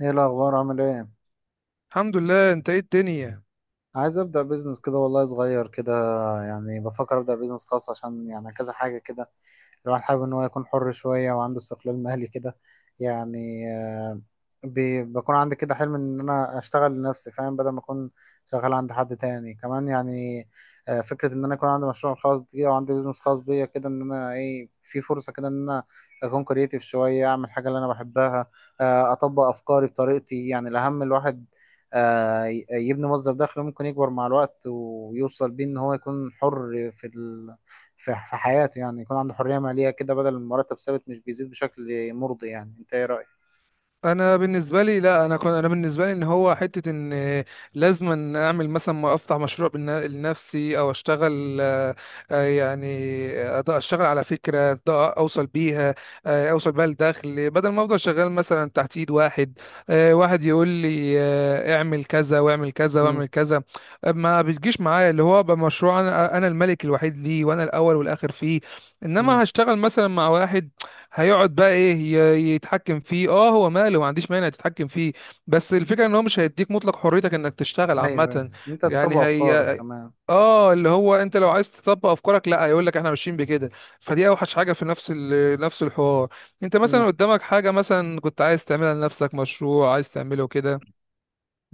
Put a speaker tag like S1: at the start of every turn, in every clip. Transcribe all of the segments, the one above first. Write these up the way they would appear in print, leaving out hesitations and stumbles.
S1: ايه الاخبار؟ عامل ايه؟
S2: الحمد لله. انت ايه الدنيا؟
S1: عايز ابدا بيزنس كده والله، صغير كده. يعني بفكر ابدا بيزنس خاص عشان يعني كذا حاجه كده. الواحد حابب ان هو يكون حر شويه وعنده استقلال مالي كده يعني. آه، بكون عندي كده حلم ان انا اشتغل لنفسي، فاهم؟ بدل ما اكون شغال عند حد تاني كمان يعني. فكره ان انا يكون عندي مشروع خاص بيا وعندي بيزنس خاص بيا كده، ان انا ايه في فرصه كده، ان انا اكون كرييتيف شويه اعمل حاجه اللي انا بحبها. اطبق افكاري بطريقتي، يعني الاهم الواحد يبني مصدر دخل ممكن يكبر مع الوقت ويوصل بيه ان هو يكون حر في في حياته. يعني يكون عنده حرية مالية كده، بدل المرتب ثابت مش بيزيد بشكل مرضي. يعني انت ايه رأيك؟
S2: انا بالنسبه لي لا انا كنت انا بالنسبه لي ان هو حته ان لازم ان اعمل، مثلا، ما افتح مشروع لنفسي او اشتغل. آه، يعني اشتغل على فكره، اوصل بيها، اوصل بيها لدخل بدل ما افضل شغال مثلا تحت ايد واحد، واحد يقول لي اعمل كذا واعمل كذا
S1: مم.
S2: واعمل كذا. ما بتجيش معايا اللي هو بقى مشروع انا الملك الوحيد ليه وانا الاول والاخر فيه.
S1: مم.
S2: انما هشتغل مثلا مع واحد هيقعد بقى ايه، يتحكم فيه. اه، هو ماله، ما عنديش مانع تتحكم فيه، بس الفكره ان هو مش هيديك مطلق حريتك انك تشتغل
S1: ايوه ايوه،
S2: عامه.
S1: انت تطبق
S2: يعني
S1: افكارك
S2: هي،
S1: كمان.
S2: اه، اللي هو انت لو عايز تطبق افكارك لا، هيقول لك احنا ماشيين بكده. فدي اوحش حاجه في نفس الحوار. انت
S1: مم.
S2: مثلا قدامك حاجه مثلا كنت عايز تعملها لنفسك، مشروع عايز تعمله كده.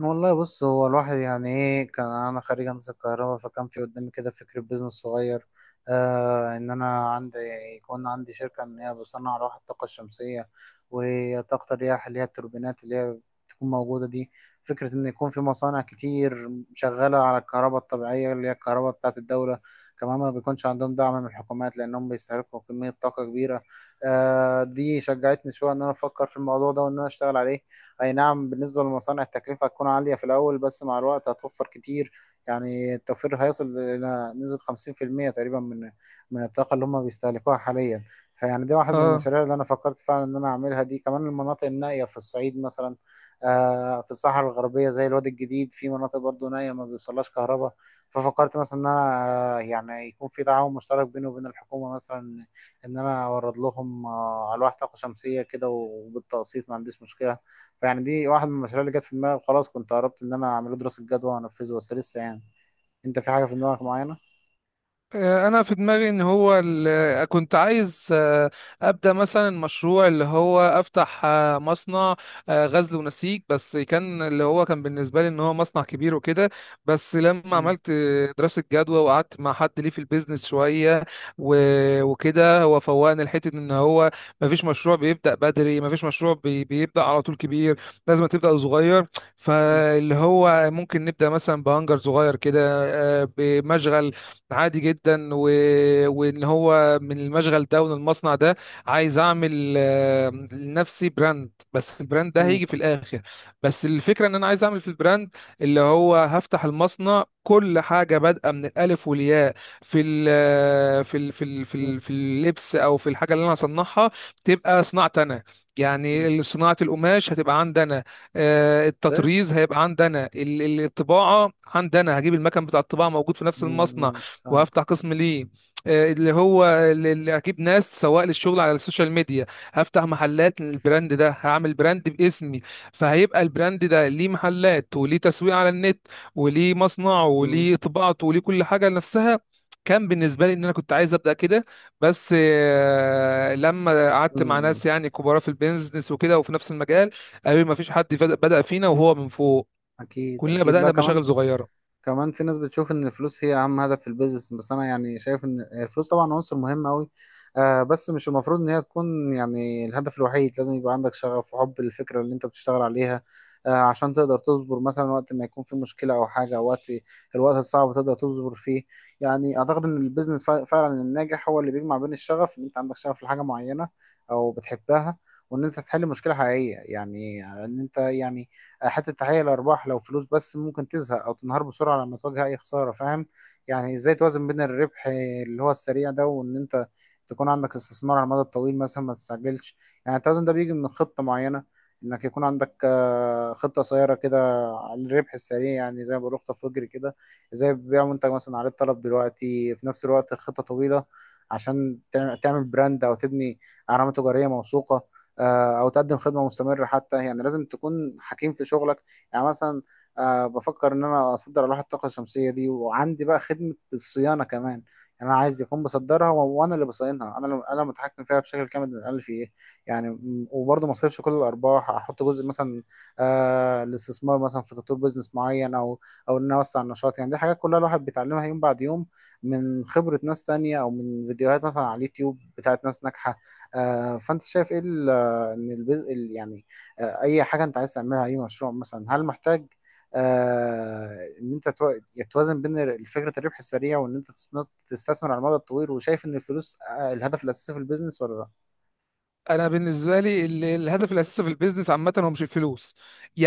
S1: والله بص، هو الواحد يعني ايه، كان انا خريج هندسه الكهرباء، فكان في قدامي كده فكره بيزنس صغير. ان انا عندي، يكون عندي شركه ان هي بصنع لوح الطاقه الشمسيه، وطاقه الرياح اللي هي التوربينات اللي هي بتكون موجوده دي. فكره ان يكون في مصانع كتير شغاله على الكهرباء الطبيعيه، اللي هي الكهرباء بتاعه الدوله، كمان ما بيكونش عندهم دعم من الحكومات، لانهم بيستهلكوا كميه طاقه كبيره. دي شجعتني شويه ان انا افكر في الموضوع ده، وان انا اشتغل عليه. اي نعم، بالنسبة للمصانع التكلفة هتكون عالية في الاول، بس مع الوقت هتوفر كتير. يعني التوفير هيصل الى نسبة 50% تقريبا من الطاقة اللي هم بيستهلكوها حاليا. فيعني دي واحد من
S2: اه.
S1: المشاريع اللي انا فكرت فعلا ان انا اعملها. دي كمان المناطق النائية في الصعيد مثلا، في الصحراء الغربية زي الوادي الجديد، في مناطق برضو نائية ما بيوصلهاش كهرباء. ففكرت مثلا ان انا يعني يكون في تعاون مشترك بيني وبين الحكومة مثلا، ان انا اورد لهم الواح طاقة شمسية كده، وبالتقسيط ما عنديش مشكلة. فيعني دي واحد من المشاريع اللي جت في دماغي، وخلاص كنت قربت ان انا اعمله دراسة جدوى وانفذه، بس لسه يعني. انت في حاجة في دماغك معينة؟
S2: انا في دماغي ان هو كنت عايز، ابدا مثلا مشروع اللي هو افتح مصنع غزل ونسيج، بس كان اللي هو كان بالنسبه لي ان هو مصنع كبير وكده. بس لما
S1: مم.
S2: عملت دراسه جدوى وقعدت مع حد ليه في البيزنس شويه، وكده هو فوقني لحته ان هو مفيش مشروع بيبدا بدري، مفيش مشروع بيبدا على طول كبير، لازم تبدا صغير.
S1: مم.
S2: فاللي هو ممكن نبدا مثلا بهانجر صغير كده، بمشغل عادي جدا، وان هو من المشغل ده ومن المصنع ده عايز اعمل لنفسي براند، بس البراند ده
S1: مم.
S2: هيجي في الاخر. بس الفكره ان انا عايز اعمل في البراند اللي هو هفتح المصنع كل حاجه بادئه من الالف والياء. في ال في ال في ال في,
S1: مم.
S2: ال في اللبس او في الحاجه اللي انا هصنعها تبقى صناعتي انا.
S1: مم.
S2: يعني صناعة القماش هتبقى عندنا،
S1: ايه؟
S2: التطريز هيبقى عندنا، الطباعة عندنا، هجيب المكان بتاع الطباعة موجود في نفس
S1: مم.
S2: المصنع.
S1: مم. فاهم.
S2: وهفتح قسم ليه، آه، اللي هو اللي اللي اجيب ناس سواق للشغل على السوشيال ميديا. هفتح محلات للبراند ده، هعمل براند باسمي. فهيبقى البراند ده ليه محلات وليه تسويق على النت وليه مصنعه
S1: مم.
S2: وليه طباعته وليه كل حاجة لنفسها. كان بالنسبة لي ان انا كنت عايز ابدا كده، بس لما قعدت مع
S1: مم.
S2: ناس يعني كبار في البيزنس وكده وفي نفس المجال قالوا لي ما فيش حد بدأ فينا وهو من فوق،
S1: اكيد
S2: كلنا
S1: اكيد، لا
S2: بدأنا بمشاغل
S1: كمان.
S2: صغيرة.
S1: كمان في ناس بتشوف ان الفلوس هي اهم هدف في البيزنس، بس انا يعني شايف ان الفلوس طبعا عنصر مهم قوي. بس مش المفروض ان هي تكون يعني الهدف الوحيد، لازم يبقى عندك شغف وحب للفكرة اللي انت بتشتغل عليها. عشان تقدر تصبر مثلا وقت ما يكون في مشكلة او حاجة، او الوقت الصعب تقدر تصبر فيه. يعني اعتقد ان البيزنس فعلا الناجح هو اللي بيجمع بين الشغف، ان انت عندك شغف لحاجة معينة او بتحبها، وان انت تحل مشكلة حقيقية يعني. ان انت يعني، حتى تحقيق الأرباح لو فلوس بس، ممكن تزهق أو تنهار بسرعة لما تواجه أي خسارة، فاهم؟ يعني إزاي توازن بين الربح اللي هو السريع ده، وإن أنت تكون عندك استثمار على المدى الطويل مثلا؟ ما تستعجلش. يعني التوازن ده بيجي من خطة معينة، إنك يكون عندك خطة قصيرة كده على الربح السريع، يعني زي ما بقول خطة فجر كده، زي بيع منتج مثلا عليه الطلب دلوقتي. في نفس الوقت خطة طويلة، عشان تعمل براند أو تبني علامة تجارية موثوقة، او تقدم خدمه مستمره حتى. يعني لازم تكون حكيم في شغلك. يعني مثلا بفكر ان انا اصدر الواح الطاقه الشمسيه دي، وعندي بقى خدمه الصيانه كمان. يعني انا عايز يكون بصدرها وانا اللي بصينها، انا اللي انا متحكم فيها بشكل كامل من الالف، ايه. يعني وبرضه ما اصرفش كل الارباح، احط جزء مثلا الاستثمار مثلا في تطوير بزنس معين، او ان انا اوسع النشاط. يعني دي حاجات كلها الواحد بيتعلمها يوم بعد يوم، من خبره ناس تانية او من فيديوهات مثلا على اليوتيوب بتاعت ناس ناجحه. فانت شايف ايه؟ ان يعني اي حاجه انت عايز تعملها، اي مشروع مثلا، هل محتاج ان انت توازن بين فكره الربح السريع، وان انت تستثمر على المدى الطويل، وشايف ان الفلوس الهدف الاساسي في البيزنس ولا لا؟
S2: انا بالنسبه لي الهدف الاساسي في البيزنس عامه هو مش الفلوس.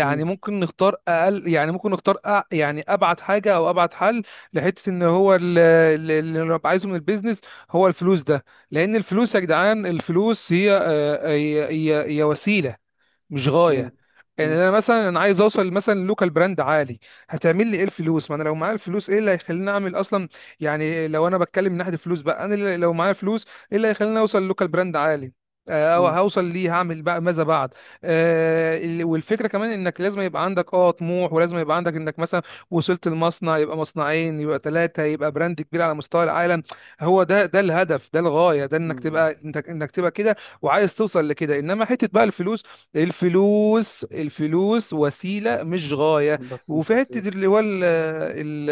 S1: مم.
S2: ممكن نختار اقل، يعني ممكن نختار، يعني ابعد حاجه او ابعد حل لحته ان هو اللي انا عايزه من البيزنس هو الفلوس ده. لان الفلوس يا جدعان، الفلوس هي، هي هي وسيله مش
S1: مم.
S2: غايه. يعني
S1: مم.
S2: انا مثلا انا عايز اوصل مثلا لوكال براند عالي، هتعمل لي ايه الفلوس؟ ما انا لو معايا الفلوس ايه اللي هيخليني اعمل اصلا؟ يعني لو انا بتكلم من ناحيه الفلوس بقى، انا لو معايا فلوس ايه اللي هيخليني اوصل لوكال براند عالي؟ او
S1: مم.
S2: هوصل ليه، هعمل بقى ماذا بعد؟ والفكره كمان انك لازم يبقى عندك اه طموح، ولازم يبقى عندك انك مثلا وصلت المصنع يبقى مصنعين يبقى ثلاثه يبقى براند كبير على مستوى العالم. هو ده ده الهدف، ده الغايه، ده انك
S1: مم.
S2: تبقى، انك تبقى كده وعايز توصل لكده. انما حته بقى الفلوس، الفلوس وسيلة مش غاية.
S1: بس مش
S2: وفي
S1: قصير.
S2: حتة اللي هو ال ال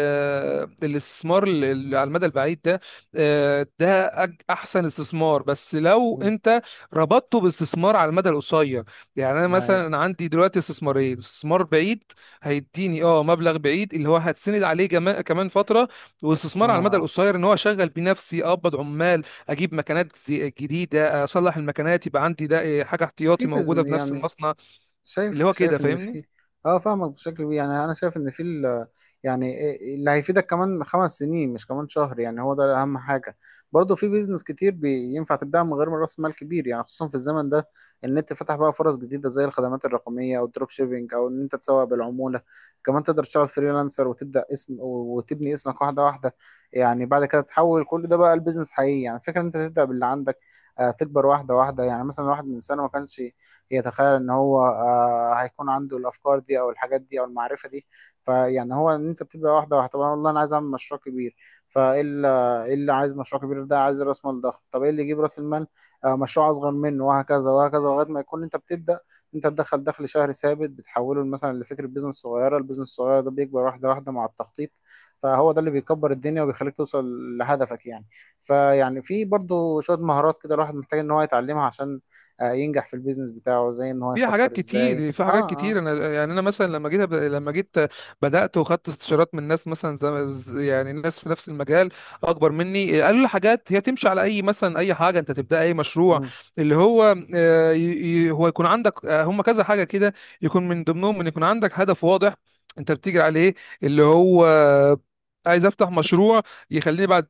S2: الاستثمار اللي على المدى البعيد ده، ده أحسن استثمار، بس لو
S1: مم.
S2: أنت ربطته باستثمار على المدى القصير. يعني أنا
S1: هاي.
S2: مثلا، أنا عندي دلوقتي استثمارين: استثمار بعيد هيديني أه مبلغ بعيد اللي هو هتسند عليه كمان فترة، واستثمار على المدى
S1: اه.
S2: القصير إن هو أشغل بيه نفسي أقبض عمال، اجيب مكنات جديده، اصلح المكنات، يبقى عندي، ده إيه، حاجه
S1: في
S2: احتياطي موجوده
S1: بيزنس
S2: في نفس
S1: يعني.
S2: المصنع.
S1: شايف
S2: اللي هو كده،
S1: شايف ان
S2: فاهمني؟
S1: في. اه. فاهمك بشكل كبير، يعني انا شايف ان في يعني إيه، اللي هيفيدك كمان 5 سنين مش كمان شهر، يعني هو ده اهم حاجه. برضه في بيزنس كتير بينفع تبدأ من غير راس مال كبير، يعني خصوصا في الزمن ده. النت فتح بقى فرص جديده، زي الخدمات الرقميه او الدروب شيبينج او ان انت تسوق بالعموله. كمان تقدر تشتغل فريلانسر وتبدأ اسم وتبني اسمك واحده واحده. يعني بعد كده تحول كل ده بقى البيزنس حقيقي. يعني فكره ان انت تبدأ باللي عندك، تكبر واحده واحده. يعني مثلا واحد من سنه ما كانش يتخيل ان هو هيكون عنده الافكار دي او الحاجات دي او المعرفه دي. فيعني هو ان انت بتبدا واحده واحده. طب أنا والله انا عايز اعمل مشروع كبير، فايه اللي، إيه اللي عايز مشروع كبير ده؟ عايز راس مال ضخم. طب ايه اللي يجيب راس المال؟ مشروع اصغر منه، وهكذا وهكذا، لغايه ما يكون انت بتبدا، انت تدخل دخل شهري ثابت بتحوله مثلا لفكره بيزنس صغيره. البيزنس الصغير ده بيكبر واحده واحده مع التخطيط. فهو ده اللي بيكبر الدنيا وبيخليك توصل لهدفك يعني. فيعني في برضو شوية مهارات كده الواحد محتاج ان هو يتعلمها، عشان ينجح في البيزنس بتاعه، زي ان هو يفكر ازاي.
S2: في
S1: اه،
S2: حاجات
S1: اه.
S2: كتير. انا يعني انا مثلا لما جيت أب- لما جيت بدات وخدت استشارات من ناس مثلا، يعني ناس في نفس المجال اكبر مني، قالوا لي حاجات هي تمشي على اي، مثلا اي حاجه انت تبدا، اي مشروع
S1: مم،
S2: اللي هو هو يكون عندك، هم كذا حاجه كده، يكون من ضمنهم ان يكون عندك هدف واضح انت بتجري عليه. اللي هو عايز افتح مشروع يخليني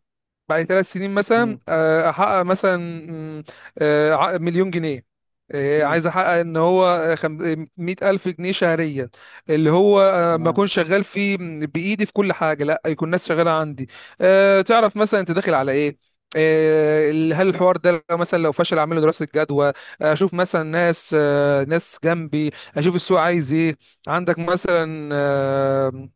S2: بعد 3 سنين مثلا
S1: مم،
S2: احقق مثلا، مم، مليون جنيه،
S1: مم،
S2: عايز احقق ان هو 100,000 جنيه شهريا، اللي هو ما
S1: تمام.
S2: اكون شغال فيه بايدي في كل حاجه، لا يكون ناس شغاله عندي. تعرف مثلا انت داخل على ايه، هل الحوار ده لو مثلا لو فشل، اعمل له دراسه جدوى، اشوف مثلا ناس، ناس جنبي، اشوف السوق عايز ايه، عندك مثلا،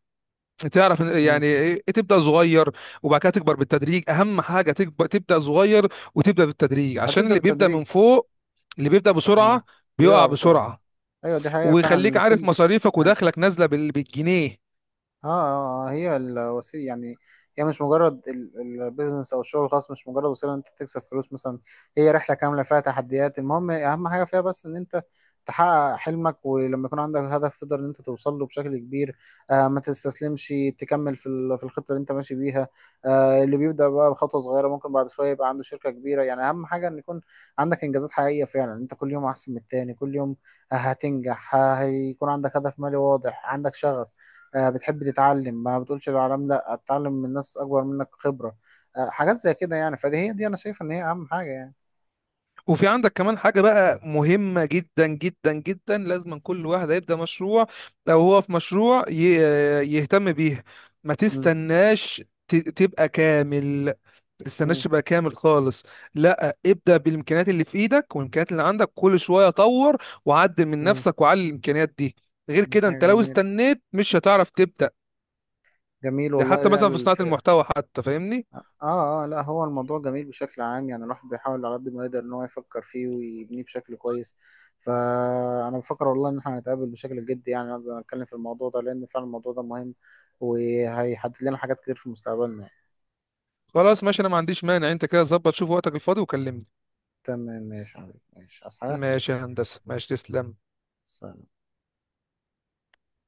S2: تعرف
S1: مم.
S2: يعني، تبدا صغير وبعد كده تكبر بالتدريج. اهم حاجه تكبر، تبدا صغير وتبدا بالتدريج، عشان
S1: هتبدأ
S2: اللي بيبدا
S1: بالتدريج.
S2: من فوق، اللي بيبدا بسرعه
S1: اه. بيقع
S2: بيقع
S1: بسرعة.
S2: بسرعه،
S1: ايوه دي حقيقة فعلا
S2: ويخليك عارف
S1: الوسيل.
S2: مصاريفك
S1: يعني
S2: ودخلك نازله بالجنيه.
S1: اه، اه، هي الوسيله يعني. هي مش مجرد، البيزنس او الشغل الخاص مش مجرد وسيله إن انت تكسب فلوس مثلا. هي رحله كامله فيها تحديات. المهم اهم حاجه فيها بس، ان انت تحقق حلمك، ولما يكون عندك هدف تقدر ان انت توصل له بشكل كبير. ما تستسلمش، تكمل في في الخطه اللي انت ماشي بيها. اللي بيبدا بقى بخطوه صغيره، ممكن بعد شويه يبقى عنده شركه كبيره. يعني اهم حاجه ان يكون عندك انجازات حقيقيه فعلا، انت كل يوم احسن من التاني. كل يوم هتنجح، هيكون عندك هدف مالي واضح، عندك شغف، بتحب تتعلم، ما بتقولش للعالم. لا، اتعلم من ناس اكبر منك خبرة. حاجات زي كده يعني. فدي هي دي، انا شايف ان هي اهم حاجة يعني.
S2: وفي عندك كمان حاجة بقى مهمة جدا جدا جدا، لازم كل واحد هيبدأ مشروع، لو هو في مشروع يهتم بيها، ما
S1: مم.
S2: تستناش تبقى كامل،
S1: مم.
S2: تستناش بقى كامل خالص. لا، ابدأ بالامكانيات اللي في ايدك والامكانيات اللي عندك كل شوية طور وعدل من
S1: مم.
S2: نفسك وعلي الامكانيات دي، غير
S1: مم.
S2: كده انت
S1: حاجة
S2: لو
S1: جميل.
S2: استنيت مش هتعرف تبدأ.
S1: جميل
S2: ده
S1: والله،
S2: حتى
S1: لا
S2: مثلا في صناعة
S1: الف...
S2: المحتوى حتى، فاهمني؟
S1: اه، اه، لا هو الموضوع جميل بشكل عام، يعني الواحد بيحاول على قد ما يقدر ان هو يفكر فيه ويبنيه بشكل كويس. فانا بفكر والله ان احنا هنتقابل بشكل جدي، يعني نقدر نتكلم في الموضوع ده، لان فعلا الموضوع ده مهم وهيحدد لنا حاجات كتير في مستقبلنا يعني.
S2: خلاص ماشي، انا ما عنديش مانع، انت كده ظبط شوف وقتك الفاضي وكلمني.
S1: تمام ماشي يا حبيبي، ماشي اصحى.
S2: ماشي يا هندسة، ماشي تسلم.
S1: سلام.